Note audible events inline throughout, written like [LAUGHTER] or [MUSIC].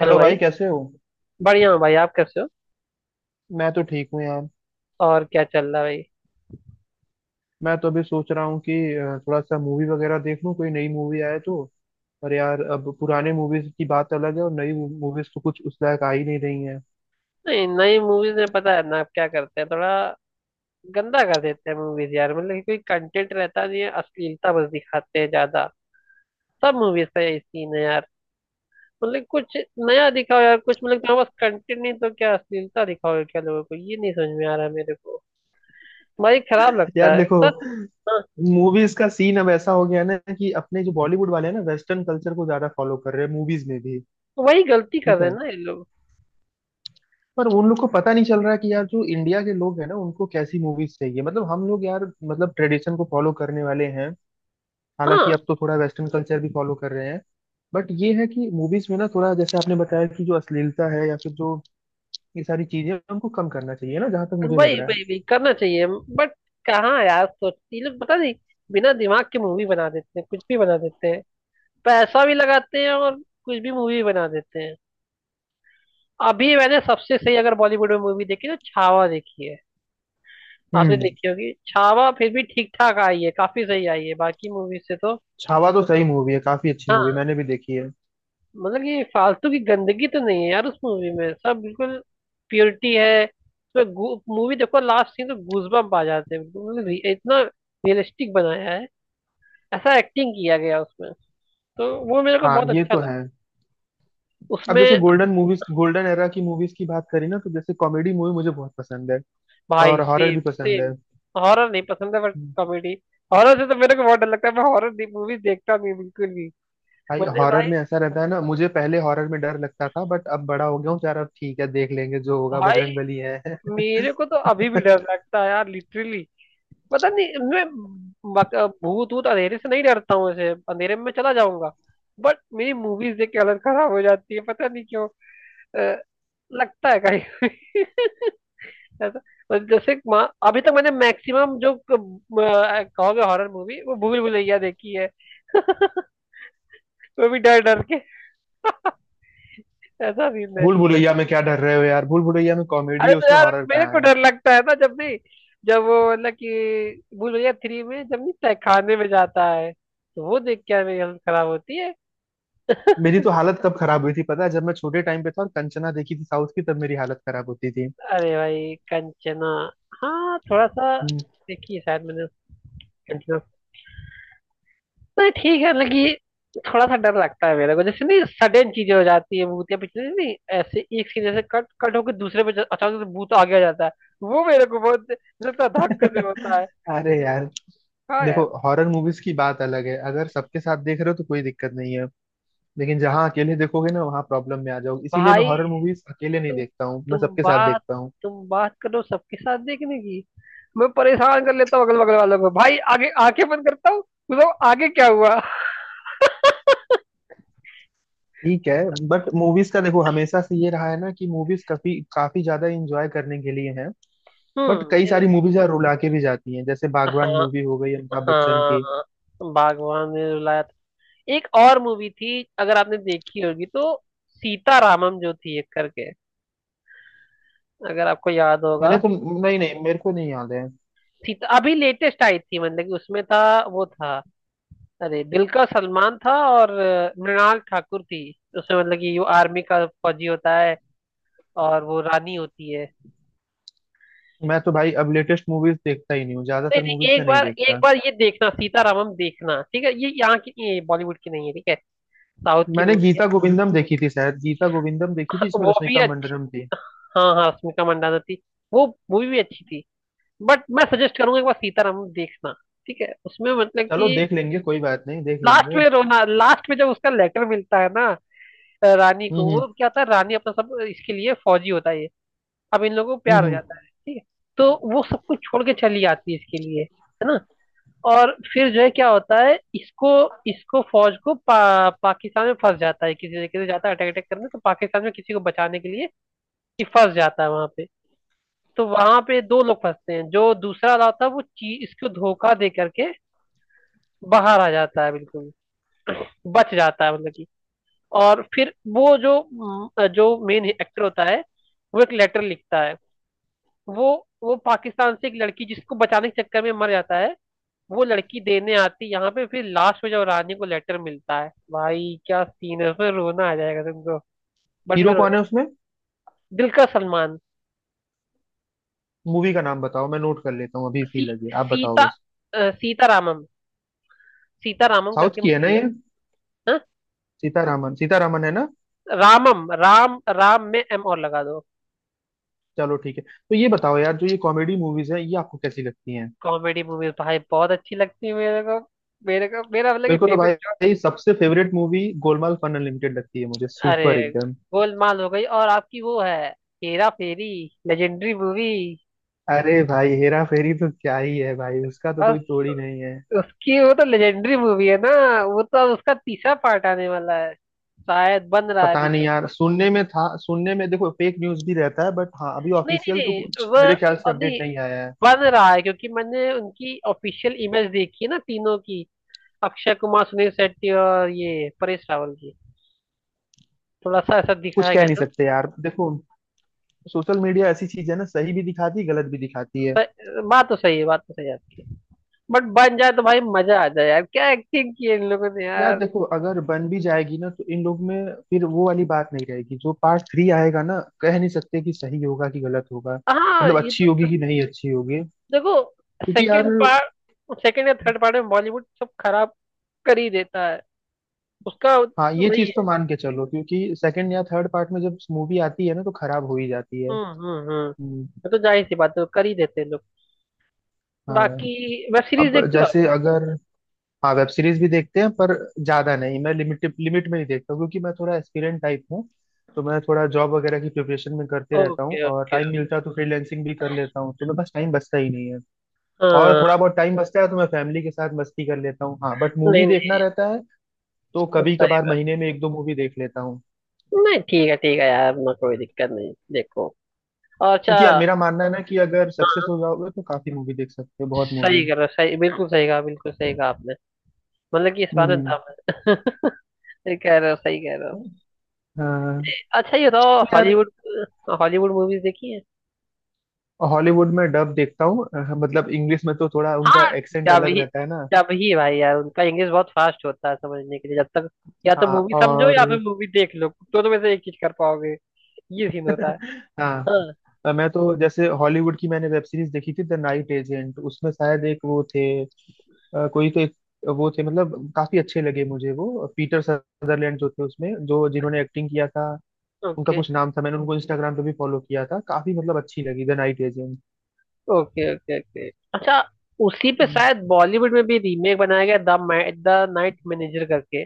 Hello hello भाई। भाई, कैसे हो। बढ़िया हूँ भाई, आप कैसे हो? मैं तो ठीक हूँ यार। और क्या चल रहा है भाई? मैं तो अभी सोच रहा हूँ कि थोड़ा सा मूवी वगैरह देख लूँ, कोई नई मूवी आए तो। पर यार अब पुराने मूवीज की बात अलग है और नई मूवीज तो कुछ उस लायक आ ही नहीं रही है। नहीं, नई मूवीज में पता है ना आप क्या करते हैं, थोड़ा गंदा कर देते हैं मूवीज यार। मतलब कि कोई कंटेंट रहता नहीं है, अश्लीलता बस दिखाते हैं ज्यादा। सब मूवीज का यही सीन है यार। मतलब कुछ नया दिखाओ यार कुछ। मतलब तुम्हारे पास कंटेंट नहीं तो क्या अश्लीलता दिखाओ क्या? लोगों को ये नहीं समझ में आ रहा है मेरे को भाई, खराब यार लगता है देखो, बस। हाँ, मूवीज का सीन अब ऐसा हो गया है ना कि अपने जो बॉलीवुड वाले हैं ना, वेस्टर्न कल्चर को ज्यादा फॉलो कर रहे हैं मूवीज में भी। तो वही गलती कर ठीक रहे है, हैं ना ये लोग। पर उन लोग को पता नहीं चल रहा है कि यार जो इंडिया के लोग हैं ना, उनको कैसी मूवीज चाहिए। मतलब हम लोग यार, मतलब ट्रेडिशन को फॉलो करने वाले हैं। हालांकि हाँ। अब तो थोड़ा वेस्टर्न कल्चर भी फॉलो कर रहे हैं। बट ये है कि मूवीज में ना थोड़ा, जैसे आपने बताया कि जो अश्लीलता है या फिर जो ये सारी चीजें, उनको कम करना चाहिए ना, जहां तक मुझे लग वही रहा है। वही वही करना चाहिए, बट कहाँ यार, सोचती ये लोग, पता नहीं। बिना दिमाग के मूवी बना देते हैं, कुछ भी बना देते हैं। पैसा भी लगाते हैं और कुछ भी मूवी बना देते हैं। अभी मैंने सबसे सही अगर बॉलीवुड में मूवी देखी तो छावा देखी है। आपने हम्म। देखी होगी छावा, फिर भी ठीक ठाक आई है, काफी सही आई है बाकी मूवी से तो। छावा तो सही मूवी है, काफी अच्छी मूवी, हाँ, मैंने भी देखी है। मतलब ये फालतू की गंदगी तो नहीं है यार उस मूवी में, सब बिल्कुल प्योरिटी है उसमें। मूवी देखो, लास्ट सीन तो गूजबम्प आ जाते हैं बिल्कुल। मतलब इतना रियलिस्टिक बनाया है, ऐसा एक्टिंग किया गया उसमें। तो वो मेरे को हाँ, बहुत ये अच्छा तो लगा है। अब जैसे उसमें। गोल्डन मूवीज, गोल्डन एरा की मूवीज की बात करी ना, तो जैसे कॉमेडी मूवी मुझे बहुत पसंद है। भाई और हॉरर भी सेम पसंद है। सेम। हॉरर नहीं पसंद है बट हम्म। कॉमेडी। हॉरर से तो मेरे को बहुत डर लगता है, मैं हॉरर मूवी देखता नहीं बिल्कुल भी। भाई मैंने हॉरर भाई, में ऐसा रहता है ना, मुझे पहले हॉरर में डर लगता था, बट अब बड़ा हो गया हूँ तो यार अब ठीक है, देख लेंगे जो होगा, भाई, बजरंगबली है। मेरे को तो अभी भी [LAUGHS] डर लगता है यार लिटरली। पता नहीं, मैं बक- भूत भूत अंधेरे से नहीं डरता हूँ, ऐसे अंधेरे में मैं चला जाऊंगा, बट मेरी मूवीज देख के हालत खराब हो जाती है, पता नहीं क्यों। अ, लगता है कहीं [LAUGHS] ऐसा। मतलब जैसे अभी तक मैंने मैक्सिमम जो कहोगे हॉरर मूवी, वो भूल भुलैया देखी है [LAUGHS] वो भी डर डर के, ऐसा सीन है। भूल भुलैया में क्या डर रहे हो यार, भूल भुलैया में कॉमेडी अरे है, तो उसमें यार हॉरर मेरे को कहाँ है। डर लगता है ना जब भी, जब वो मतलब कि भूल भुलैया 3 में जब नहीं तहखाने में जाता है तो वो देख के मेरी हालत खराब होती है। मेरी तो हालत कब खराब हुई थी पता है, जब मैं छोटे टाइम पे था और कंचना देखी थी साउथ की, तब मेरी हालत खराब होती थी। अरे भाई, कंचना! हाँ, थोड़ा सा हम्म। देखी है शायद मैंने, कंचना। नहीं ठीक है, लेकिन थोड़ा सा डर लगता है मेरे को, जैसे नहीं सडन चीजें हो जाती है भूतिया, पिछले नहीं ऐसे एक सीन, जैसे कट कट होकर दूसरे पे अचानक से भूत आगे आ जाता है, वो मेरे को बहुत लगता है, धक्के से होता [LAUGHS] है अरे मेरे को, यार, कहा "हाँ देखो यार"। हॉरर मूवीज की बात अलग है, अगर सबके साथ देख रहे हो तो कोई दिक्कत नहीं है। लेकिन जहाँ अकेले देखोगे ना, वहाँ प्रॉब्लम में आ जाओगे। इसीलिए मैं भाई, हॉरर मूवीज अकेले नहीं तुम देखता हूँ, मैं तुम सबके साथ बात देखता हूँ। तुम बात करो सबके साथ देखने की। मैं परेशान कर लेता हूँ अगल बगल वालों को भाई, आगे आंखें बंद करता हूँ, मतलब आगे क्या हुआ। ठीक है, बट मूवीज का देखो हमेशा से ये रहा है ना कि मूवीज काफी काफी ज्यादा इंजॉय करने के लिए है। बट हम्म कई ये- सारी मूवीज यार रुला के भी जाती हैं, जैसे बागवान हाँ मूवी हो गई अमिताभ बच्चन हाँ, की। भगवान ने रुलाया। एक और मूवी थी, अगर आपने देखी होगी तो, सीतारामम जो थी, एक करके। अगर आपको याद होगा, मैंने तो, नहीं नहीं मेरे को नहीं याद है। सीता अभी लेटेस्ट आई थी, मतलब कि उसमें था, वो था, अरे दिलकर सलमान था और मृणाल ठाकुर थी। उसमें मतलब कि वो आर्मी का फौजी होता है और वो रानी होती है। मैं तो भाई अब लेटेस्ट मूवीज देखता ही नहीं हूँ, नहीं ज्यादातर नहीं, मूवीज में एक नहीं बार एक देखता। बार ये देखना सीतारामम, देखना ठीक है। ये यहाँ की नहीं है, बॉलीवुड की नहीं है ठीक है, साउथ की मैंने मूवी है। गीता गोविंदम देखी थी, शायद गीता गोविंदम देखी थी, इसमें वो भी रश्मिका अच्छी। मंदान्ना थी। हाँ हाँ, स्मिका मंडाना थी, वो मूवी भी अच्छी थी। बट मैं सजेस्ट करूंगा एक बार सीताराम देखना, ठीक है। उसमें मतलब चलो कि देख लेंगे, कोई बात नहीं, देख लास्ट लेंगे। में रोना, लास्ट में जब उसका लेटर मिलता है ना रानी को, हम्म। वो क्या होता है रानी अपना सब इसके लिए, फौजी होता है ये। अब इन लोगों को प्यार हम्म। हो हम्म। जाता है ठीक है, तो वो सब कुछ छोड़ के चली आती है इसके लिए, है ना? और फिर जो है क्या होता है इसको, इसको फौज को पाकिस्तान में फंस जाता है, किसी तरीके से जाता है अटैक अटैक करने तो, पाकिस्तान में किसी को बचाने के लिए ये फंस जाता है वहां पे। तो वहां पे दो लोग फंसते हैं, जो दूसरा वाला होता है वो इसको धोखा दे करके बाहर आ जाता है बिल्कुल, बच जाता है मतलब कि। और फिर वो जो जो मेन एक्टर होता है वो एक लेटर लिखता है, वो वो पाकिस्तान से एक लड़की जिसको बचाने के चक्कर में मर जाता है, वो लड़की देने आती है यहाँ पे, फिर लास्ट में जब रानी को लेटर मिलता है भाई क्या सीन है, फिर रोना आ जाएगा तुमको। बट मैं हीरो कौन रोया। है उसमें। दिल का सलमान। मूवी का नाम बताओ, मैं नोट कर लेता हूँ अभी इसी सी लगे, आप सीता बताओ बस। सीता रामम, सीता रामम साउथ करके की है ना मूवी है। ये। हाँ? सीतारामन, सीतारामन है ना। रामम, राम राम में एम और लगा दो। चलो ठीक है। तो ये बताओ यार, जो ये कॉमेडी मूवीज है, ये आपको कैसी लगती हैं। कॉमेडी मूवीज भाई बहुत अच्छी लगती है मेरे को। मेरा मतलब कि मेरे को तो फेवरेट भाई, जॉनर। सबसे favourite movie Golmaal fun unlimited लगती है मुझे, अरे! सुपर एकदम। गोलमाल हो गई और आपकी वो है हेरा फेरी, लेजेंडरी मूवी। अरे भाई, हेरा फेरी तो क्या ही है भाई, उसका तो बस। कोई तोड़ ही नहीं है। उसकी वो तो लेजेंडरी मूवी है ना। वो तो अब उसका तीसरा पार्ट आने वाला है शायद, बन रहा है पता अभी नहीं तो। यार, सुनने में था, सुनने में देखो फेक न्यूज भी रहता है, बट हाँ, अभी नहीं नहीं ऑफिशियल तो नहीं, कुछ वो मेरे ख्याल से और अपडेट नहीं, नहीं आया है। बन रहा है क्योंकि मैंने उनकी ऑफिशियल इमेज देखी है ना तीनों की, अक्षय कुमार, सुनील शेट्टी और ये परेश रावल की। थोड़ा सा ऐसा कुछ दिखाया कह गया नहीं था। सकते यार, देखो सोशल मीडिया ऐसी चीज है ना, सही भी दिखाती है, गलत भी दिखाती है। स- बात तो सही है, बात तो सही है आपकी, बट बन जाए तो भाई मजा आ जाए यार, क्या एक्टिंग की है इन लोगों ने यार यार। देखो, अगर बन भी जाएगी ना, तो इन लोग में फिर वो वाली बात नहीं रहेगी। जो पार्ट थ्री आएगा ना, कह नहीं सकते कि सही होगा कि गलत होगा, हाँ मतलब ये अच्छी तो। होगी कि नहीं अच्छी होगी। देखो, क्योंकि यार, सेकंड पार्ट सेकंड या थर्ड पार्ट में बॉलीवुड सब खराब कर ही देता है, उसका हाँ ये वही चीज तो है। मान के चलो, क्योंकि सेकंड या थर्ड पार्ट में जब मूवी आती है ना, तो खराब हो ही जाती है। हम्म। हम्म। ये तो जाहिर सी बात है, कर ही देते हैं लोग। हाँ। बाकी, वेब सीरीज अब देखते हो आप? जैसे अगर, हाँ, वेब सीरीज भी देखते हैं पर ज्यादा नहीं। मैं लिमिट लिमिट में ही देखता हूँ, क्योंकि मैं थोड़ा एस्पिरेंट टाइप हूँ। तो मैं थोड़ा जॉब वगैरह की प्रिपरेशन में करते रहता हूँ, ओके और ओके। टाइम मिलता है तो फ्रीलैंसिंग भी कर लेता हूँ, तो मेरे पास टाइम बचता ही नहीं है। और थोड़ा हाँ। बहुत टाइम बचता है तो मैं फैमिली के साथ मस्ती कर लेता हूँ। हाँ, बट मूवी नहीं देखना नहीं, रहता है, तो कभी सही। कभार महीने में एक दो मूवी देख लेता हूँ। नहीं ठीक है, ठीक है यार ना, कोई दिक्कत नहीं, देखो। और अच्छा। क्योंकि यार मेरा मानना है ना, कि अगर सक्सेस हो जाओगे तो काफी मूवी देख सकते हो, बहुत मूवी। सही कह रहे हो, सही, बिल्कुल सही कहा, बिल्कुल सही कहा आपने। मतलब कि इस बात में हम्म। दम है [LAUGHS] सही कह रहे हो, सही कह रहे हो। हाँ अच्छा, ये बताओ तो यार, हॉलीवुड, हॉलीवुड मूवीज देखी है? हॉलीवुड में डब देखता हूँ, मतलब इंग्लिश में तो थोड़ा उनका हाँ, एक्सेंट जब अलग ही रहता है ना। जब ही भाई यार, उनका इंग्लिश बहुत फास्ट होता है, समझने के लिए जब तक, या तो हाँ, मूवी समझो या फिर और मूवी देख लो, तो वैसे एक चीज कर पाओगे, ये सीन होता है। [LAUGHS] हाँ। हाँ। मैं तो जैसे हॉलीवुड की, मैंने वेब सीरीज देखी थी द नाइट एजेंट, उसमें शायद एक वो थे, कोई तो एक वो थे, मतलब काफी अच्छे लगे मुझे, वो पीटर सदरलैंड जो थे उसमें, जो जिन्होंने एक्टिंग किया था, उनका ओके कुछ नाम था। मैंने उनको इंस्टाग्राम पे भी फॉलो किया था, काफी मतलब अच्छी लगी the night agent. Okay okay okay. अच्छा, उसी पे शायद बॉलीवुड में भी रीमेक बनाया गया, द द नाइट मैनेजर करके,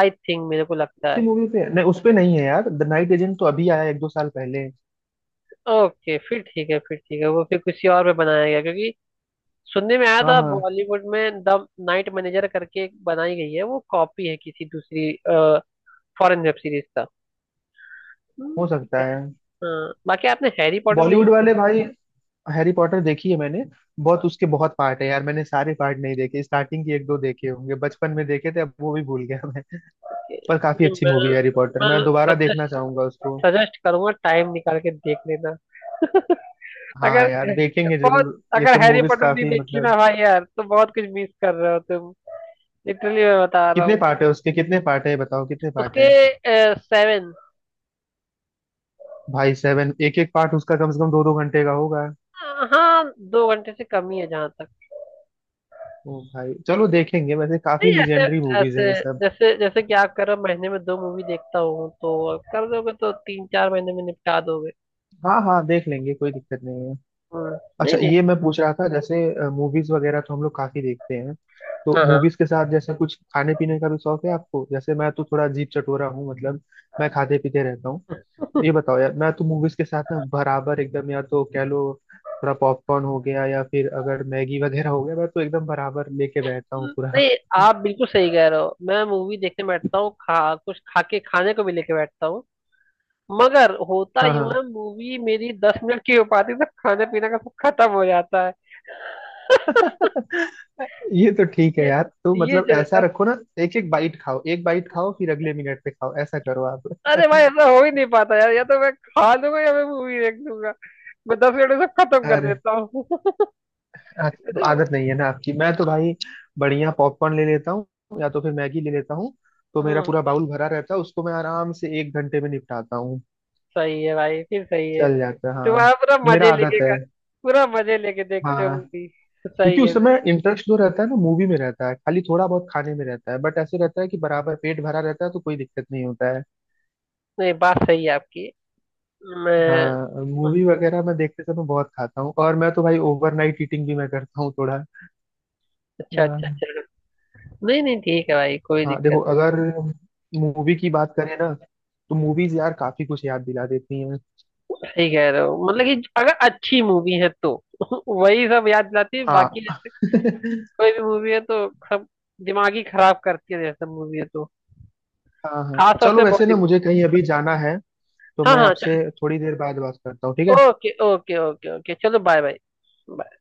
आई थिंक, मेरे को लगता उसी है। मूवी पे नहीं, उस पे नहीं है यार, द नाइट एजेंट तो अभी आया है, एक दो साल पहले। ओके, फिर ठीक है, फिर ठीक है, वो फिर किसी और पे बनाया गया क्योंकि सुनने में आया हाँ था, हाँ, बॉलीवुड में द नाइट मैनेजर करके एक बनाई गई है, वो कॉपी है किसी दूसरी फॉरेन वेब सीरीज का। हो ठीक सकता है। है। हाँ, बाकी आपने हैरी पॉटर बॉलीवुड देखी? वाले भाई, हैरी पॉटर देखी है मैंने। बहुत उसके बहुत पार्ट है यार, मैंने सारे पार्ट नहीं देखे, स्टार्टिंग के एक दो देखे होंगे, बचपन में देखे थे, अब वो भी भूल गया मैं। पर काफी नहीं, अच्छी मैं मूवी है हैरी पॉटर, मैं मैं दोबारा देखना सजेस्ट चाहूंगा उसको। सजेस्ट करूंगा, टाइम निकाल के देख लेना [LAUGHS] अगर हाँ यार, देखेंगे बहुत, जरूर, ये अगर सब हैरी मूवीज पॉटर नहीं काफी देखी ना मतलब। भाई यार, तो बहुत कुछ मिस कर रहे हो तुम, लिटरली मैं बता रहा कितने हूँ। पार्ट है उसके, कितने पार्ट है बताओ, कितने पार्ट उसके है। 7। भाई सेवन, एक एक पार्ट उसका कम से कम दो दो घंटे का होगा। हाँ, 2 घंटे से कम ही है जहाँ तक। ओ भाई, चलो देखेंगे, वैसे काफी नहीं, ऐसे लीजेंडरी मूवीज ऐसे, हैं ये सब। जैसे जैसे कि आप कह रहे हो, महीने में 2 मूवी देखता हूँ तो, कर दोगे तो 3-4 महीने में निपटा दोगे। हाँ हाँ, देख लेंगे, कोई दिक्कत नहीं है। हम्म, नहीं अच्छा नहीं। ये मैं पूछ रहा था जैसे, मूवीज वगैरह तो हम लोग काफी देखते हैं, तो हाँ हाँ। मूवीज के साथ जैसे कुछ खाने पीने का भी शौक है आपको। जैसे मैं तो थोड़ा अजीब चटोरा हूँ, मतलब मैं खाते पीते रहता हूँ। तो ये बताओ यार, मैं तो मूवीज के साथ ना बराबर एकदम, या तो कह लो थोड़ा पॉपकॉर्न हो गया, या फिर अगर मैगी वगैरह हो गया, मैं तो एकदम बराबर लेके बैठता हूँ पूरा। नहीं। आप बिल्कुल सही कह रहे हो, मैं मूवी देखने बैठता हूँ, खा, कुछ खा के खाने को भी लेके बैठता हूँ, मगर होता हाँ यूं हाँ। है मूवी मेरी 10 मिनट की हो पाती है तो खाना पीना का सब खत्म हो जाता है। [LAUGHS] ये तो ठीक है ये यार, तो ये मतलब चलता ऐसा है। रखो ना, एक एक बाइट खाओ, एक बाइट खाओ, फिर अगले मिनट पे खाओ, ऐसा करो आप। अरे भाई, ऐसा हो ही नहीं पाता यार, या तो मैं खा लूंगा या मैं मूवी देख लूंगा। मैं 10 मिनट में सब खत्म कर अरे, देता हूँ [LAUGHS] तो तो, आदत नहीं है ना आपकी। मैं तो भाई बढ़िया पॉपकॉर्न ले लेता हूँ, या तो फिर मैगी ले लेता हूँ, तो मेरा हम्म पूरा बाउल भरा रहता है, उसको मैं आराम से एक घंटे में निपटाता हूँ। सही है भाई, फिर सही है। चल जाता है, हाँ। तुम्हारा पूरा मेरा मजे आदत लेके है। का, पूरा मजे लेके देखते हो हाँ, मूवी। क्योंकि सही उस है समय भाई। इंटरेस्ट जो रहता है ना, मूवी में रहता है, खाली थोड़ा बहुत खाने में रहता है, बट ऐसे रहता है कि बराबर पेट भरा रहता है, तो कोई दिक्कत नहीं होता। नहीं, बात सही है आपकी। मैं, हाँ, मूवी वगैरह मैं देखते समय बहुत खाता हूँ, और मैं तो भाई ओवरनाइट ईटिंग भी मैं करता हूँ थोड़ा। अच्छा अच्छा अ, चलो। नहीं नहीं, ठीक है भाई, कोई हाँ देखो, दिक्कत अगर मूवी की बात करें ना, तो मूवीज यार काफी कुछ याद दिला देती हैं। नहीं। सही कह रहे हो, मतलब कि अगर अच्छी मूवी है तो [LAUGHS] वही सब याद दिलाती है, हाँ। बाकी जैसे [LAUGHS] कोई भी मूवी है तो सब दिमाग ही खराब करती है, जैसे मूवी है तो हाँ हाँ, खासतौर चलो से वैसे ना, बॉलीवुड। मुझे कहीं अभी जाना है, तो हाँ मैं हाँ चल। आपसे थोड़ी देर बाद बात करता हूँ, ठीक है। ओके ओके ओके ओके, चलो बाय बाय।